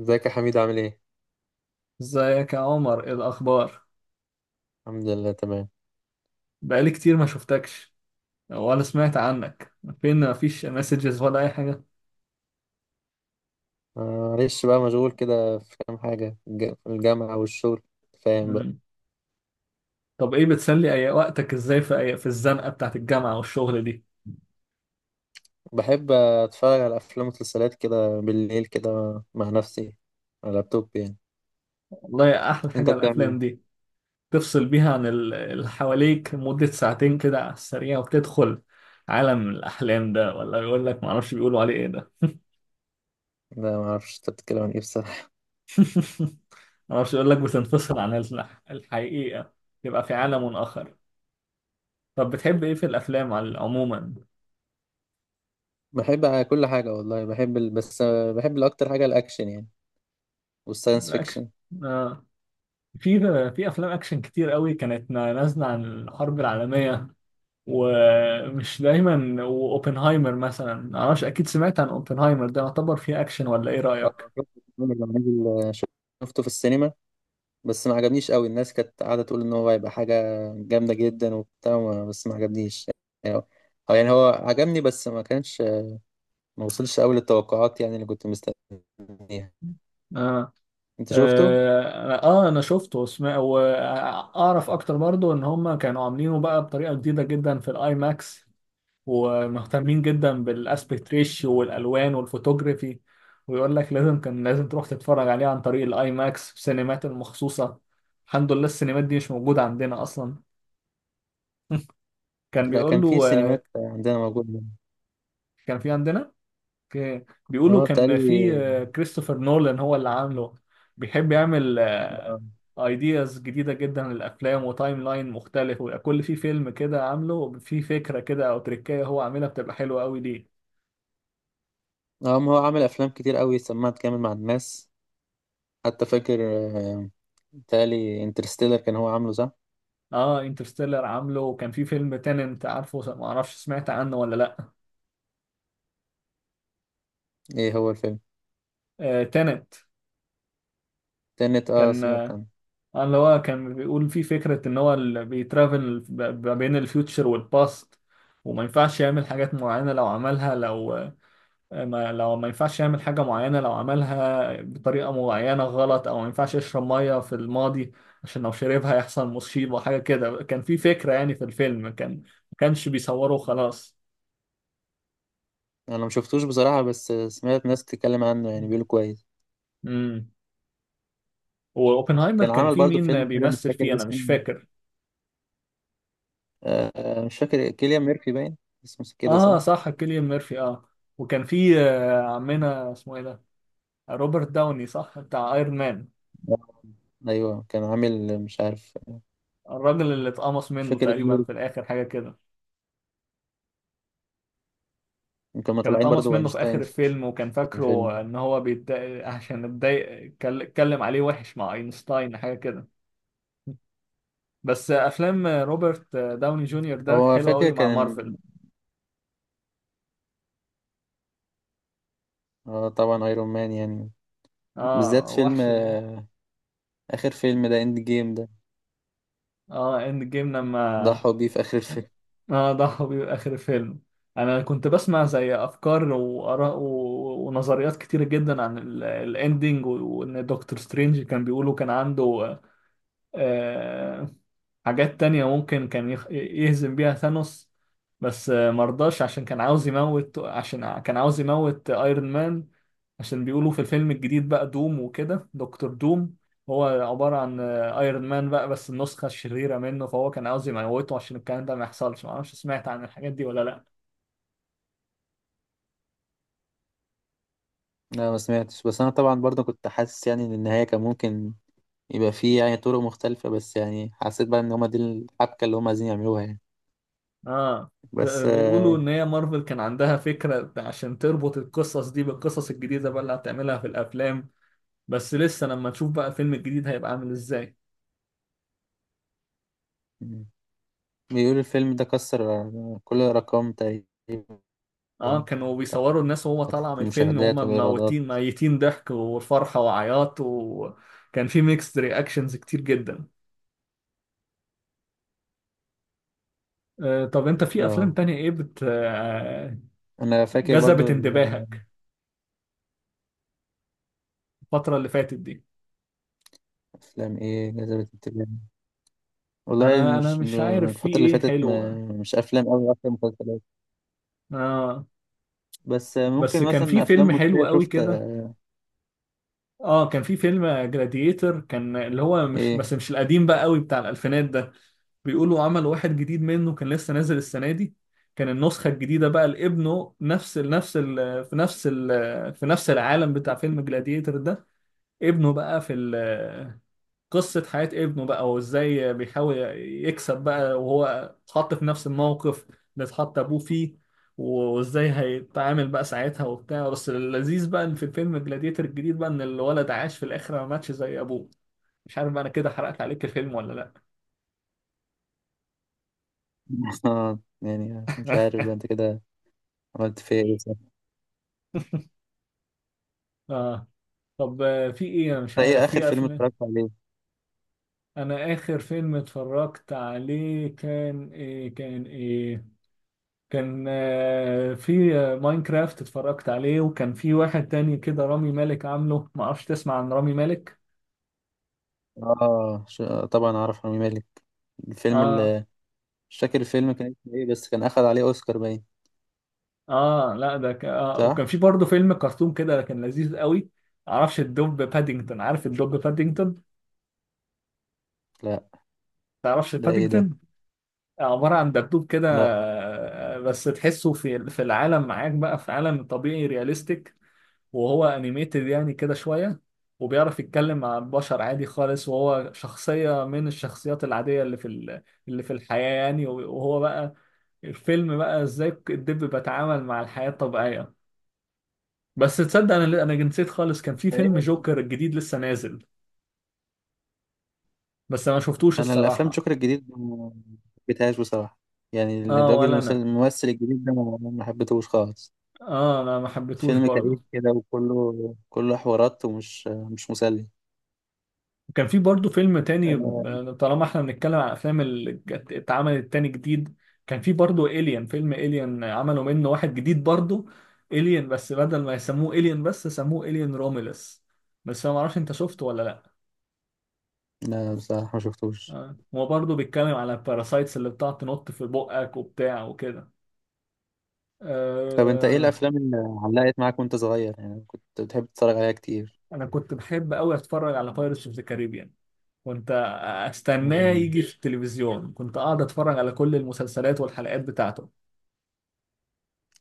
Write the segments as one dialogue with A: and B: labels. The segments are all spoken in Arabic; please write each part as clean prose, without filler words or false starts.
A: ازيك يا حميد؟ عامل ايه؟
B: ازيك يا عمر؟ ايه الاخبار؟
A: الحمد لله تمام.
B: بقالي كتير ما شفتكش ولا سمعت عنك. فين؟ ما فيش مسجز ولا اي حاجه.
A: آه، معلش بقى، مشغول كده في كام حاجة، الجامعة والشغل. فاهم بقى.
B: مم. طب ايه بتسلي اي وقتك ازاي في الزنقه بتاعت الجامعه والشغل دي.
A: بحب أتفرج على أفلام ومسلسلات كده بالليل كده، مع نفسي، على اللابتوب يعني.
B: والله احلى
A: أنت
B: حاجه
A: بتعمل
B: الافلام
A: ايه؟
B: دي، تفصل بيها عن اللي حواليك مده ساعتين كده على السريع، وتدخل عالم الاحلام ده، ولا يقول لك ما اعرفش بيقولوا عليه ايه ده.
A: لا، معرفش أنت بتتكلم عن ايه بصراحة.
B: ما اعرفش يقول لك بتنفصل عن الحقيقه، يبقى في عالم اخر. طب بتحب ايه في الافلام عموما؟
A: بحب كل حاجة والله، بحب بس بحب الأكتر حاجة الأكشن يعني، والساينس
B: الأكشن.
A: فيكشن.
B: آه. في في أفلام أكشن كتير قوي كانت نازلة عن الحرب العالمية، ومش دايما. وأوبنهايمر مثلا، معرفش، أكيد سمعت عن أوبنهايمر، ده يعتبر فيه أكشن ولا إيه رأيك؟
A: شفت الفيلم اللي نزل- شفته في السينما، بس ما عجبنيش قوي. الناس كانت قاعدة تقول ان هو هيبقى حاجة جامدة جدا وبتاع، بس ما عجبنيش يعني. هو يعني هو عجبني بس ما كانش، ما وصلش قوي للتوقعات يعني، اللي كنت مستنيها.
B: آه.
A: انت شفته؟
B: آه. آه، أنا شفته، وسمع وأعرف أكتر برضو إن هما كانوا عاملينه بقى بطريقة جديدة جدا في الآي ماكس، ومهتمين جدا بالاسبكت ريشيو والالوان والفوتوجرافي، ويقول لك لازم، كان لازم تروح تتفرج عليه عن طريق الاي ماكس في سينمات المخصوصه. الحمد لله السينمات دي مش موجوده عندنا اصلا. كان
A: ده
B: بيقول
A: كان في
B: له
A: سينمات عندنا موجودة.
B: كان في عندنا. بيقولوا
A: اه،
B: كان في،
A: بتهيألي.
B: كريستوفر نولان هو اللي عامله. بيحب يعمل
A: اه.
B: ايدياز جديدة جدا للأفلام، وتايم لاين مختلف، ويبقى كل في فيلم كده عامله في فكرة كده، أو تريكاية هو عاملها بتبقى حلوة أوي ليه.
A: ما هو عامل افلام كتير قوي، سمعت كامل مع الناس. حتى فاكر، آه، بتهيألي انترستيلر كان هو عامله، صح؟
B: اه، انترستيلر عامله، وكان في فيلم تننت، عارفه؟ ما اعرفش سمعت عنه ولا لا.
A: ايه هو الفيلم؟
B: آه، تننت،
A: تنت، اه
B: كان
A: سمعت عنه.
B: اللي هو كان بيقول فيه فكرة ان هو اللي بيترافل ما بين الفيوتشر والباست، وما ينفعش يعمل حاجات معينة لو عملها. لو ما ينفعش يعمل حاجة معينة، لو عملها بطريقة معينة غلط، او ما ينفعش يشرب مية في الماضي، عشان لو شربها يحصل مصيبة، حاجة كده. كان في فكرة يعني في الفيلم، كان ما كانش بيصوره خلاص.
A: انا ما شفتوش بصراحة، بس سمعت ناس تتكلم عنه يعني، بيقولوا كويس.
B: مم. واوبنهايمر
A: كان
B: كان
A: عمل
B: في
A: برضو
B: مين
A: فيلم كده مش
B: بيمثل فيه،
A: فاكر
B: انا
A: اسمه.
B: مش فاكر.
A: مش فاكر، كيليان ميرفي باين اسمه، كده
B: اه
A: صح؟
B: صح، كيليان ميرفي، وكان في عمنا اسمه ايه ده، روبرت داوني صح، بتاع ايرون مان.
A: آه. أيوه كان عامل مش عارف،
B: الراجل اللي اتقمص
A: مش
B: منه
A: فاكر
B: تقريبا
A: الدور.
B: في الاخر، حاجه كده.
A: كانوا
B: كان
A: طالعين
B: اتقمص
A: برضو
B: منه في
A: أينشتاين
B: اخر
A: في
B: الفيلم، وكان
A: الفيلم.
B: فاكره ان هو بيتضايق عشان اتضايق، اتكلم عليه وحش مع اينشتاين، حاجه كده. بس افلام روبرت داوني جونيور ده
A: هو
B: حلو
A: فاكر
B: قوي مع
A: كان،
B: مارفل.
A: آه طبعا أيرون مان يعني. بالذات
B: اه
A: فيلم،
B: وحش
A: آخر فيلم ده، إند جيم ده.
B: اه، اند جيم لما.
A: ضحوا بيه في آخر الفيلم.
B: اه، ده هو بيبقى اخر فيلم. انا كنت بسمع زي افكار واراء ونظريات كتيره جدا عن الاندينج، وان دكتور سترينج كان بيقولوا كان عنده، آه، حاجات تانية ممكن كان يهزم بيها ثانوس، بس مرضاش عشان كان عاوز يموت، كان عاوز يموت ايرون مان. عشان بيقولوا في الفيلم الجديد بقى دوم، وكده دكتور دوم، هو عبارة عن ايرون مان بقى، بس النسخة الشريرة منه، فهو كان عاوز يموته عشان الكلام ده ما يحصلش. معرفش سمعت عن الحاجات دي ولا لأ.
A: لا، ما سمعتش، بس أنا طبعا برضو كنت حاسس يعني إن النهاية كان ممكن يبقى فيه يعني طرق مختلفة، بس يعني حسيت بقى إن هما دي الحبكة اللي هما عايزين يعملوها يعني.
B: اه،
A: بس آه
B: بيقولوا ان هي مارفل كان عندها فكرة عشان تربط القصص دي بالقصص الجديدة بقى اللي هتعملها في الافلام، بس لسه لما نشوف بقى الفيلم الجديد هيبقى عامل ازاي.
A: بيقول الفيلم ده كسر كل الأرقام تقريبا،
B: اه، كانوا
A: بتاعت
B: بيصوروا الناس وهو طالعة من الفيلم،
A: المشاهدات
B: وهم
A: والإيرادات.
B: موتين، ميتين، ضحك وفرحة وعياط، وكان في ميكس رياكشنز كتير جدا. آه، طب انت في افلام
A: اه،
B: تانية ايه بت آه
A: أنا فاكر
B: جذبت
A: برضو.
B: انتباهك الفترة اللي فاتت دي؟
A: الأفلام إيه جذبت انتباهي؟ والله
B: انا
A: مش م-
B: مش عارف في
A: الفترة اللي
B: ايه
A: فاتت، ما
B: حلو.
A: مش أفلام أوي، أكتر مسلسلات.
B: اه،
A: بس ممكن
B: بس كان
A: مثلا
B: في
A: أفلام
B: فيلم
A: مصرية،
B: حلو قوي
A: شفت
B: كده. اه، كان في فيلم جلاديتر، كان اللي هو مش،
A: إيه؟
B: بس مش القديم بقى قوي بتاع الالفينات ده. بيقولوا عمل واحد جديد منه كان لسه نازل السنة دي. كان النسخة الجديدة بقى لابنه، نفس ال نفس ال في نفس ال في نفس العالم بتاع فيلم جلاديتر ده. ابنه بقى في قصة حياة ابنه بقى، وازاي بيحاول يكسب بقى، وهو اتحط في نفس الموقف اللي اتحط ابوه فيه، وازاي هيتعامل بقى ساعتها وبتاع. بس اللذيذ بقى ان في فيلم جلاديتر الجديد بقى، ان الولد عاش في الاخر، ما ماتش زي ابوه. مش عارف بقى انا كده حرقت عليك الفيلم ولا لا.
A: يعني مش عارف بقى، أنت كده عملت فيا إيه، صح؟
B: اه. طب في ايه، انا مش
A: أنت إيه
B: عارف
A: آخر
B: في
A: فيلم
B: افلام.
A: اتفرجت عليه؟
B: انا اخر فيلم اتفرجت عليه كان ايه كان في ماينكرافت اتفرجت عليه، وكان في واحد تاني كده رامي مالك عامله، ما اعرفش تسمع عن رامي مالك.
A: آه ش- طبعا أعرف رامي مالك. الفيلم
B: اه.
A: اللي، مش فاكر الفيلم كان اسمه إيه، بس كان أخد عليه أوسكار باين،
B: اه لا ده ك... آه.
A: صح؟
B: وكان في برضه فيلم كرتون كده كان لذيذ قوي. معرفش الدب بادينجتون، عارف الدب بادينجتون؟
A: لا،
B: تعرفش
A: ده ايه ده؟
B: بادينجتون؟ عبارة عن دبدوب كده،
A: لا،
B: بس تحسه في العالم معاك بقى، في عالم طبيعي رياليستيك، وهو انيميتد يعني كده شوية، وبيعرف يتكلم مع البشر عادي خالص، وهو شخصية من الشخصيات العادية اللي اللي في الحياة يعني. وهو بقى، الفيلم بقى ازاي الدب بيتعامل مع الحياة الطبيعية. بس تصدق انا، نسيت خالص، كان في فيلم
A: فاهم.
B: جوكر الجديد لسه نازل، بس انا ما شفتوش
A: انا الافلام
B: الصراحة.
A: جوكر الجديد ما حبيتهاش بصراحه، يعني
B: اه
A: الراجل
B: ولا انا،
A: الممثل الجديد ده ما حبيتهوش خالص.
B: اه انا ما حبيتهوش
A: فيلم كئيب
B: برضه.
A: كده، وكله حوارات، ومش مش مسلي.
B: كان في برضه فيلم تاني،
A: آه،
B: طالما احنا بنتكلم عن افلام اللي اتعملت تاني جديد. كان في برضه إليان، فيلم إليان عملوا منه واحد جديد برضه، إليان، بس بدل ما يسموه إليان بس سموه إليان روميلس. بس انا معرفش انت شفته ولا لا.
A: لا بصراحه ما شفتوش.
B: آه، هو برضه بيتكلم على الباراسايتس اللي بتقعد تنط في بقك وبتاع وكده.
A: طب انت ايه
B: آه.
A: الافلام اللي علقت معاك وانت صغير، يعني كنت بتحب تتفرج عليها كتير؟
B: انا كنت بحب قوي اتفرج على بايرتس اوف ذا كاريبيان. كنت استناه
A: أمم،
B: يجي في التلفزيون، كنت قاعد اتفرج على كل المسلسلات والحلقات بتاعته.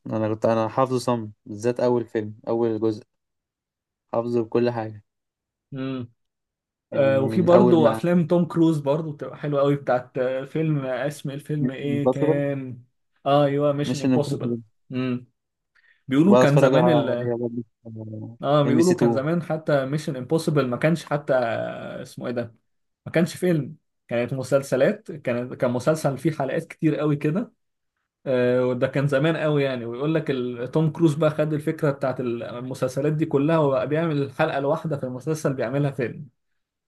A: انا كنت انا حافظه صم، بالذات اول فيلم، اول جزء، حافظه بكل حاجه، يعني
B: وفي
A: من اول
B: برضه
A: ما،
B: افلام توم كروز برضه بتبقى حلوه قوي، بتاعت فيلم، اسم الفيلم
A: مش
B: ايه
A: امبوسيبل.
B: كان؟ اه ايوه، ميشن
A: مش
B: امبوسيبل. امم.
A: كنت
B: بيقولوا
A: بقى
B: كان
A: اتفرج
B: زمان
A: عليها برضه.
B: اه
A: ام بي سي
B: بيقولوا كان
A: 2.
B: زمان حتى ميشن امبوسيبل ما كانش حتى، اسمه ايه ده، ما كانش فيلم، كانت مسلسلات، كان مسلسل فيه حلقات كتير قوي كده. وده كان زمان قوي يعني. ويقول لك توم كروز بقى خد الفكره بتاعت المسلسلات دي كلها، وبقى بيعمل الحلقه الواحده في المسلسل بيعملها فيلم،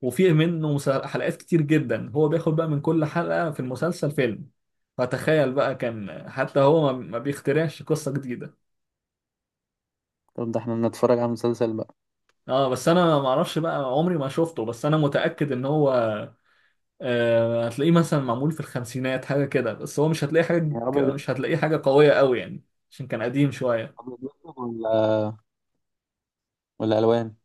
B: وفيه منه حلقات كتير جدا، هو بياخد بقى من كل حلقة في المسلسل فيلم. فتخيل بقى، كان حتى هو ما بيخترعش قصة جديدة.
A: طب ده احنا بنتفرج على مسلسل بقى.
B: اه، بس انا ما اعرفش بقى، عمري ما شفته، بس انا متأكد ان هو آه، هتلاقيه مثلا معمول في الخمسينات حاجة كده، بس هو
A: يا ابيض،
B: مش هتلاقيه حاجة قوية قوي يعني، عشان كان قديم شوية.
A: ابيض وأسود ولا الوان؟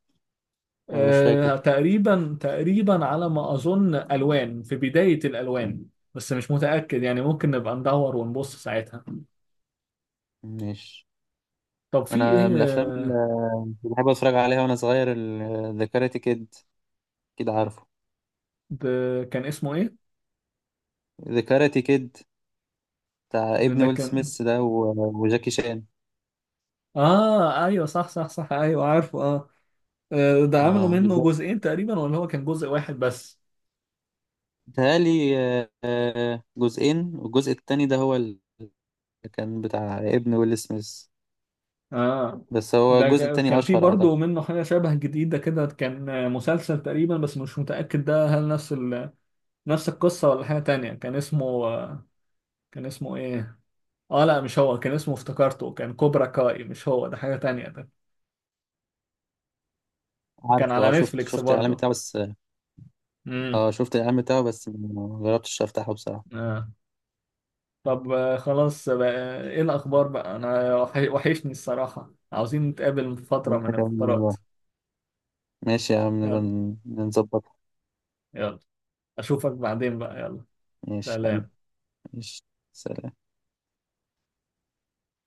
A: ولا مش
B: آه،
A: فاكر.
B: تقريبا تقريبا على ما اظن الوان، في بداية الالوان، بس مش متأكد يعني، ممكن نبقى ندور ونبص ساعتها.
A: ماشي.
B: طب في
A: انا من
B: ايه
A: الافلام اللي بحب اتفرج عليها وانا صغير، ذا كاراتي كيد، كده عارفه؟
B: ده كان اسمه ايه؟
A: ذا كاراتي كيد بتاع ابن
B: ده
A: ويل
B: كان،
A: سميث، وجاكي شان.
B: اه ايوه صح، صح، صح، ايوه عارفه اه. ده عملوا
A: اه
B: منه
A: بالظبط.
B: جزئين تقريبا، ولا هو كان جزء واحد بس؟
A: بيتهيألي جزئين، والجزء التاني ده هو اللي كان بتاع ابن ويل سميث.
B: اه،
A: بس هو
B: ده
A: الجزء التاني
B: كان في
A: اشهر اعتقد.
B: برضه منه حاجة شبه جديدة كده، كان مسلسل تقريبا، بس مش متأكد ده هل نفس القصة ولا حاجة تانية. كان اسمه كان اسمه ايه؟ اه لا مش هو، كان اسمه، افتكرته، كان كوبرا كاي. مش هو ده، حاجة تانية ده. كان
A: عارفه؟ اه،
B: على
A: شفت
B: نتفليكس
A: شفت الاعلان
B: برضه.
A: بتاعه بس.
B: امم.
A: اه، شفت الاعلان بتاعه بس ما جربتش افتحه بصراحه.
B: آه. طب خلاص بقى، ايه الأخبار بقى؟ أنا وحشني الصراحة، عاوزين نتقابل فترة
A: انت
B: من
A: كمان
B: الفترات.
A: والله. ماشي يا عم، نبقى
B: يلا.
A: نظبطها.
B: يلا، أشوفك بعدين بقى، يلا.
A: ماشي حبيبي.
B: سلام.
A: ماشي. سلام.